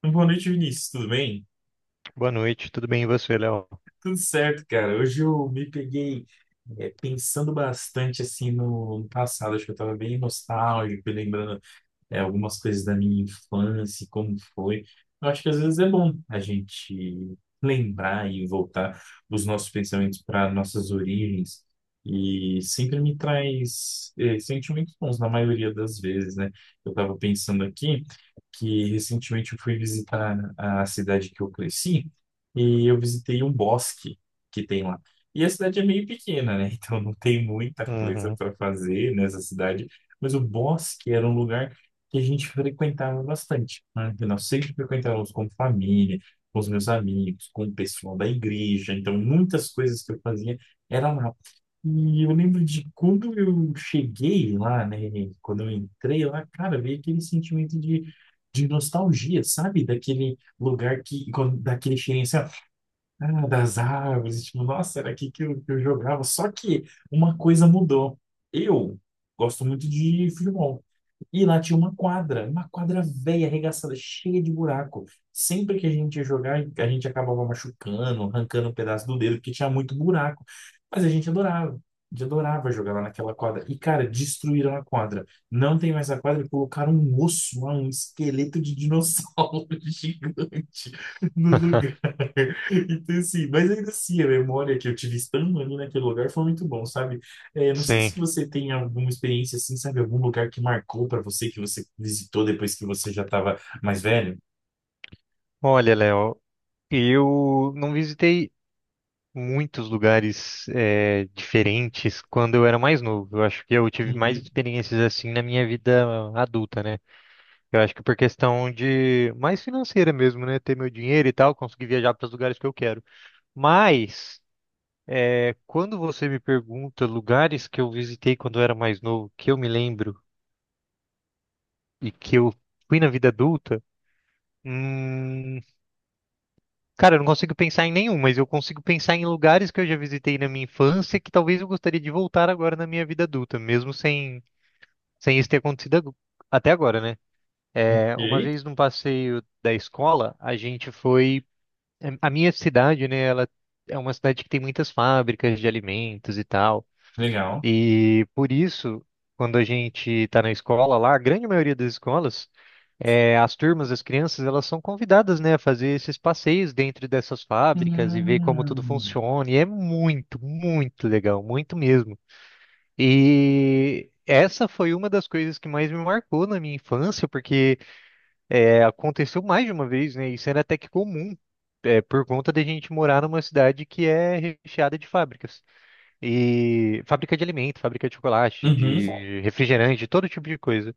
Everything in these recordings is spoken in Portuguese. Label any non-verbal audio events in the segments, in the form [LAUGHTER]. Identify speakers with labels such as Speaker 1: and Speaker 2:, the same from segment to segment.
Speaker 1: Então, boa noite, Vinícius. Tudo bem?
Speaker 2: Boa noite, tudo bem e você, Léo?
Speaker 1: Tudo certo, cara. Hoje eu me peguei pensando bastante assim no passado. Acho que eu tava bem nostálgico, lembrando algumas coisas da minha infância, como foi. Eu acho que às vezes é bom a gente lembrar e voltar os nossos pensamentos para nossas origens. E sempre me traz sentimentos bons, na maioria das vezes, né? Eu estava pensando aqui que recentemente eu fui visitar a cidade que eu cresci e eu visitei um bosque que tem lá. E a cidade é meio pequena, né? [LAUGHS] Então não tem muita coisa
Speaker 2: Uhum.
Speaker 1: para fazer nessa cidade, mas o bosque era um lugar que a gente frequentava bastante, né? Que nós sempre frequentávamos com família, com os meus amigos, com o pessoal da igreja. Então, muitas coisas que eu fazia era lá. E eu lembro de quando eu cheguei lá, né? Quando eu entrei lá, cara, veio aquele sentimento de nostalgia, sabe? Daquele lugar que, quando- daquele cheirinho assim, ó, ah, das árvores, tipo, nossa, era aqui que que eu jogava. Só que uma coisa mudou. Eu gosto muito de futebol. E lá tinha uma quadra velha, arregaçada, cheia de buraco. Sempre que a gente ia jogar, a gente acabava machucando, arrancando um pedaço do dedo, porque tinha muito buraco. Mas a gente adorava jogar lá naquela quadra. E, cara, destruíram a quadra. Não tem mais a quadra e colocaram um osso lá, um esqueleto de dinossauro [LAUGHS] gigante no lugar.
Speaker 2: [LAUGHS]
Speaker 1: Então, assim, mas ainda assim, a memória que eu tive estando ali naquele lugar foi muito bom, sabe? É, não sei
Speaker 2: Sim.
Speaker 1: se você tem alguma experiência assim, sabe? Algum lugar que marcou para você, que você visitou depois que você já estava mais velho?
Speaker 2: Olha, Léo, eu não visitei muitos lugares diferentes quando eu era mais novo. Eu acho que eu tive mais
Speaker 1: Uhum.
Speaker 2: experiências assim na minha vida adulta, né? Eu acho que por questão de mais financeira mesmo, né? Ter meu dinheiro e tal, conseguir viajar para os lugares que eu quero. Mas quando você me pergunta lugares que eu visitei quando eu era mais novo, que eu me lembro e que eu fui na vida adulta, hum, cara, eu não consigo pensar em nenhum, mas eu consigo pensar em lugares que eu já visitei na minha infância que talvez eu gostaria de voltar agora na minha vida adulta, mesmo sem, sem isso ter acontecido agu- até agora, né? É, uma
Speaker 1: Ok,
Speaker 2: vez num passeio da escola, a gente foi. A minha cidade, né? Ela é uma cidade que tem muitas fábricas de alimentos e tal.
Speaker 1: legal.
Speaker 2: E por isso, quando a gente tá na escola lá, a grande maioria das escolas. As turmas, as crianças, elas são convidadas, né, a fazer esses passeios dentro dessas fábricas e ver como tudo
Speaker 1: Hum.
Speaker 2: funciona. E é muito, muito legal, muito mesmo. E essa foi uma das coisas que mais me marcou na minha infância, porque aconteceu mais de uma vez, né? Isso era até que comum, por conta de a gente morar numa cidade que é recheada de fábricas. E fábrica de alimento, fábrica de chocolate,
Speaker 1: Uhum.
Speaker 2: de refrigerante, de todo tipo de coisa.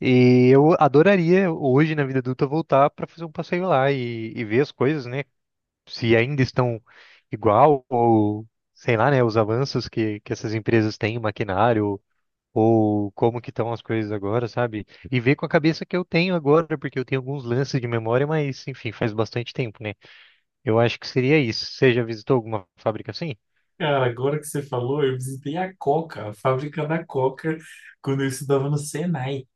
Speaker 2: E eu adoraria hoje, na vida adulta, voltar para fazer um passeio lá e ver as coisas, né? Se ainda estão igual ou, sei lá, né? Os avanços que essas empresas têm, maquinário, ou como que estão as coisas agora, sabe? E ver com a cabeça que eu tenho agora, porque eu tenho alguns lances de memória, mas, enfim, faz bastante tempo, né? Eu acho que seria isso. Você já visitou alguma fábrica assim?
Speaker 1: Cara, agora que você falou, eu visitei a Coca, a fábrica da Coca, quando eu estudava no Senai.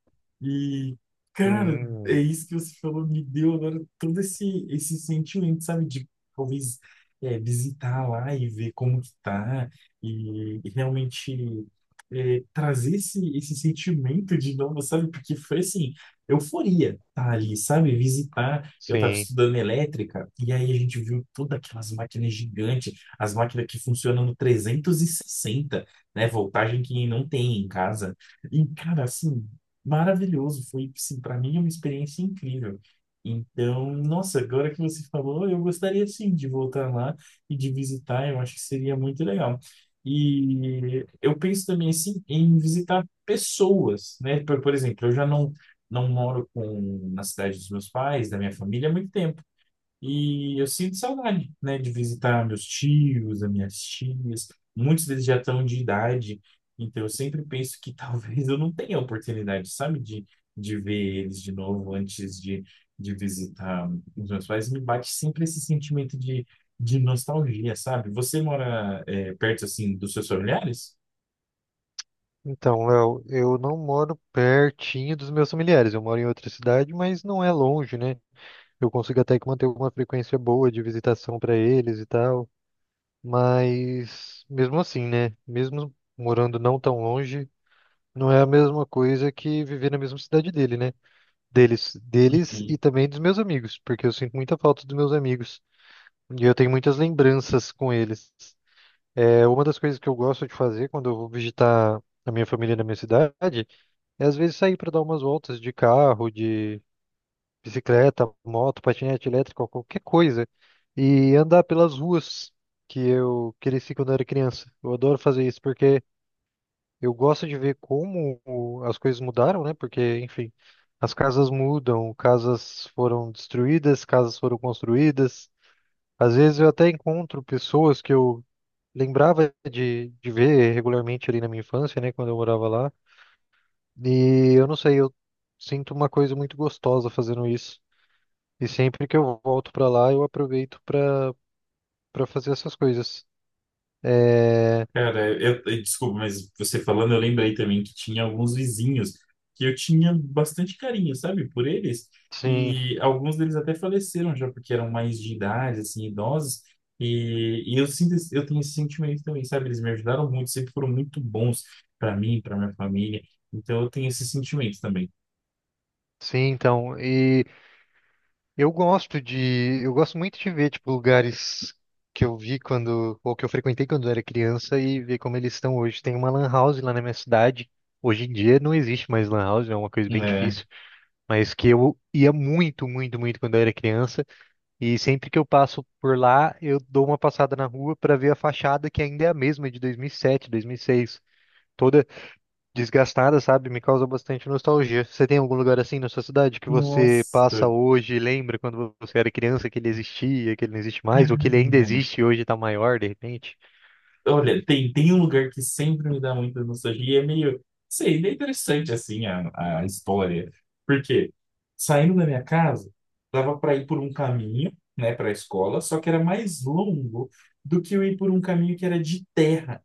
Speaker 1: E, cara, é
Speaker 2: Hum,
Speaker 1: isso que você falou, me deu agora todo esse sentimento, sabe, de talvez visitar lá e ver como que tá, e realmente trazer esse sentimento de novo, sabe, porque foi assim, euforia tá ali, sabe, visitar, eu tava
Speaker 2: sim.
Speaker 1: estudando elétrica, e aí a gente viu todas aquelas máquinas gigantes, as máquinas que funcionam no 360, né, voltagem que não tem em casa, e, cara, assim, maravilhoso. Foi, assim, para mim, uma experiência incrível. Então, nossa, agora que você falou, eu gostaria sim de voltar lá e de visitar, eu acho que seria muito legal. E eu penso também assim em visitar pessoas, né? Por exemplo, eu já não moro com na cidade dos meus pais, da minha família há muito tempo. E eu sinto saudade, né, de visitar meus tios, as minhas tias. Muitos deles já estão de idade, então eu sempre penso que [LAUGHS] talvez eu não tenha a oportunidade, sabe, de ver eles de novo antes de visitar os meus pais. Me bate sempre esse sentimento de nostalgia, sabe? Você mora, perto, assim, dos seus familiares?
Speaker 2: Então, Léo, eu não moro pertinho dos meus familiares. Eu moro em outra cidade, mas não é longe, né? Eu consigo até que manter uma frequência boa de visitação para eles e tal. Mas mesmo assim, né? Mesmo morando não tão longe, não é a mesma coisa que viver na mesma cidade dele, né? Deles, deles
Speaker 1: Uhum.
Speaker 2: e também dos meus amigos, porque eu sinto muita falta dos meus amigos e eu tenho muitas lembranças com eles. É uma das coisas que eu gosto de fazer quando eu vou visitar a minha família na minha cidade. E às vezes sair para dar umas voltas de carro, de bicicleta, moto, patinete elétrico, qualquer coisa. E andar pelas ruas que eu cresci quando eu era criança. Eu adoro fazer isso porque eu gosto de ver como as coisas mudaram, né? Porque, enfim, as casas mudam, casas foram destruídas, casas foram construídas. Às vezes eu até encontro pessoas que eu lembrava de ver regularmente ali na minha infância, né? Quando eu morava lá. E eu não sei, eu sinto uma coisa muito gostosa fazendo isso. E sempre que eu volto pra lá, eu aproveito pra para fazer essas coisas. É,
Speaker 1: Cara, desculpa, mas você falando, eu lembrei também que tinha alguns vizinhos que eu tinha bastante carinho, sabe, por eles.
Speaker 2: sim,
Speaker 1: E alguns deles até faleceram já, porque eram mais de idade, assim, idosos. E eu sinto, eu tenho esse sentimento também, sabe? Eles me ajudaram muito, sempre foram muito bons para mim, para minha família. Então eu tenho esse sentimento também.
Speaker 2: sim, então. E eu gosto muito de ver tipo lugares que eu vi quando ou que eu frequentei quando eu era criança e ver como eles estão hoje. Tem uma lan house lá na minha cidade. Hoje em dia não existe mais lan house, é uma coisa bem
Speaker 1: É.
Speaker 2: difícil, mas que eu ia muito, muito, muito quando eu era criança. E sempre que eu passo por lá, eu dou uma passada na rua para ver a fachada que ainda é a mesma, é de 2007, 2006, toda desgastada, sabe? Me causa bastante nostalgia. Você tem algum lugar assim na sua cidade que você
Speaker 1: Nossa.
Speaker 2: passa hoje, e lembra quando você era criança que ele existia, que ele não existe mais, ou que ele ainda
Speaker 1: [LAUGHS]
Speaker 2: existe e hoje tá maior de repente?
Speaker 1: Olha, tem um lugar que sempre me dá muita nostalgia e é meio, sei, é interessante assim a história. Porque saindo da minha casa, dava para ir por um caminho, né, para a escola, só que era mais longo do que eu ir por um caminho que era de terra.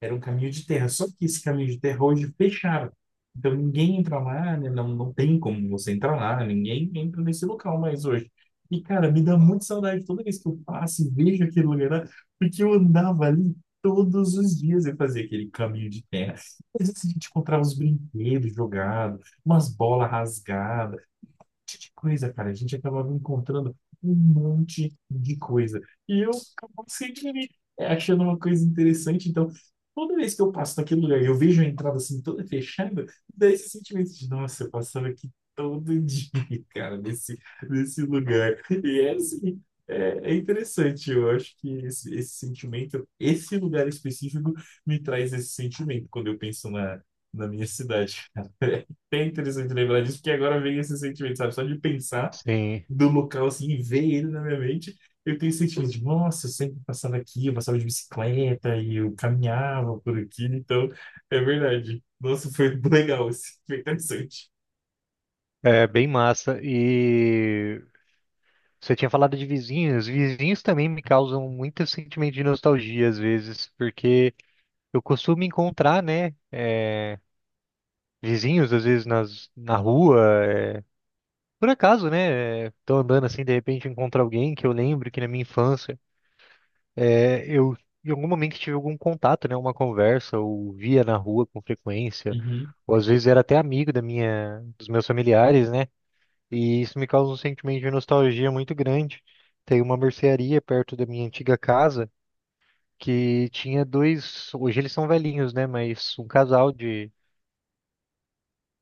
Speaker 1: Era um caminho de terra, só que esse caminho de terra hoje fecharam. Então ninguém entra lá, né? Não tem como você entrar lá, ninguém entra nesse local mais hoje. E, cara, me dá muita saudade toda vez que eu passo e vejo aquele lugar lá, porque eu andava ali todos os dias e fazia aquele caminho de terra. Às vezes a gente encontrava uns brinquedos jogados, umas bolas rasgadas monte de coisa, cara. A gente acabava encontrando um monte de coisa. E eu acabava sempre me achando uma coisa interessante. Então, toda vez que eu passo naquele lugar e eu vejo a entrada assim toda fechada, dá esse sentimento de, nossa, eu passava aqui todo dia, [LAUGHS] cara, nesse lugar. E é assim. É, é interessante, eu acho que esse sentimento, esse lugar específico me traz esse sentimento quando eu penso na minha cidade. [LAUGHS] bem interessante lembrar disso, porque agora vem esse sentimento, sabe? Só de pensar
Speaker 2: Sim,
Speaker 1: do local assim e ver ele na minha mente, eu tenho esse sentimento de, nossa, eu sempre passava aqui, eu passava de bicicleta e eu caminhava por aqui, então é verdade. Nossa, foi [LAUGHS] legal, esse, foi interessante.
Speaker 2: é bem massa. E você tinha falado de vizinhos. Vizinhos também me causam muito sentimento de nostalgia às vezes, porque eu costumo encontrar, né? Vizinhos, às vezes na rua. Por acaso, né? Tô andando assim, de repente encontro alguém que eu lembro que na minha infância eu em algum momento tive algum contato, né? Uma conversa, ou via na rua com frequência,
Speaker 1: Uhum,
Speaker 2: ou às vezes era até amigo dos meus familiares, né? E isso me causa um sentimento de nostalgia muito grande. Tem uma mercearia perto da minha antiga casa que tinha dois, hoje eles são velhinhos, né? Mas um casal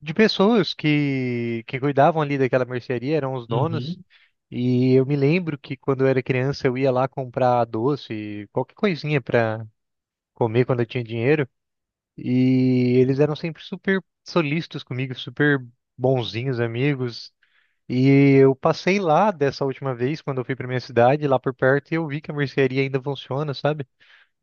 Speaker 2: de pessoas que cuidavam ali daquela mercearia, eram os donos.
Speaker 1: uhum.
Speaker 2: E eu me lembro que quando eu era criança eu ia lá comprar doce, qualquer coisinha pra comer quando eu tinha dinheiro. E eles eram sempre super solícitos comigo, super bonzinhos, amigos. E eu passei lá dessa última vez, quando eu fui pra minha cidade, lá por perto, e eu vi que a mercearia ainda funciona, sabe?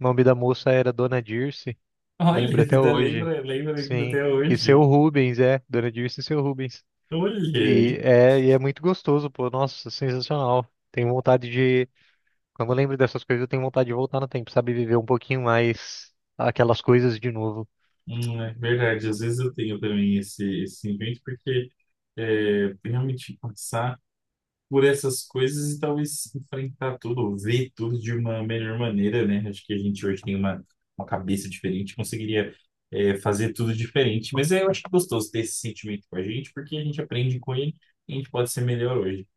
Speaker 2: O nome da moça era Dona Dirce,
Speaker 1: Olha,
Speaker 2: lembro
Speaker 1: [LAUGHS]
Speaker 2: até
Speaker 1: ainda
Speaker 2: hoje.
Speaker 1: lembra, lembra ainda
Speaker 2: Sim.
Speaker 1: até
Speaker 2: E seu
Speaker 1: hoje.
Speaker 2: Rubens, é, Dona Dirce e seu Rubens.
Speaker 1: Olha aí.
Speaker 2: E é muito gostoso, pô. Nossa, sensacional. Tenho vontade de. Quando eu lembro dessas coisas, eu tenho vontade de voltar no tempo, sabe? Viver um pouquinho mais aquelas coisas de novo.
Speaker 1: É verdade, às vezes eu tenho também esse sentimento, porque realmente passar por essas coisas e talvez enfrentar tudo, ou ver tudo de uma melhor maneira, né? Acho que a gente hoje tem uma cabeça diferente, conseguiria fazer tudo diferente. Mas eu acho gostoso ter esse sentimento com a gente, porque a gente aprende com ele e a gente pode ser melhor hoje.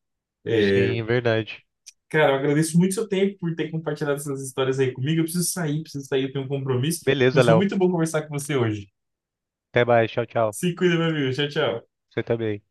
Speaker 2: Sim, é verdade.
Speaker 1: Cara, eu agradeço muito seu tempo por ter compartilhado essas histórias aí comigo. Eu preciso sair, eu tenho um compromisso,
Speaker 2: Beleza,
Speaker 1: mas foi
Speaker 2: Léo.
Speaker 1: muito bom conversar com você hoje.
Speaker 2: Até mais. Tchau, tchau.
Speaker 1: Se cuida, meu amigo. Tchau, tchau.
Speaker 2: Você também.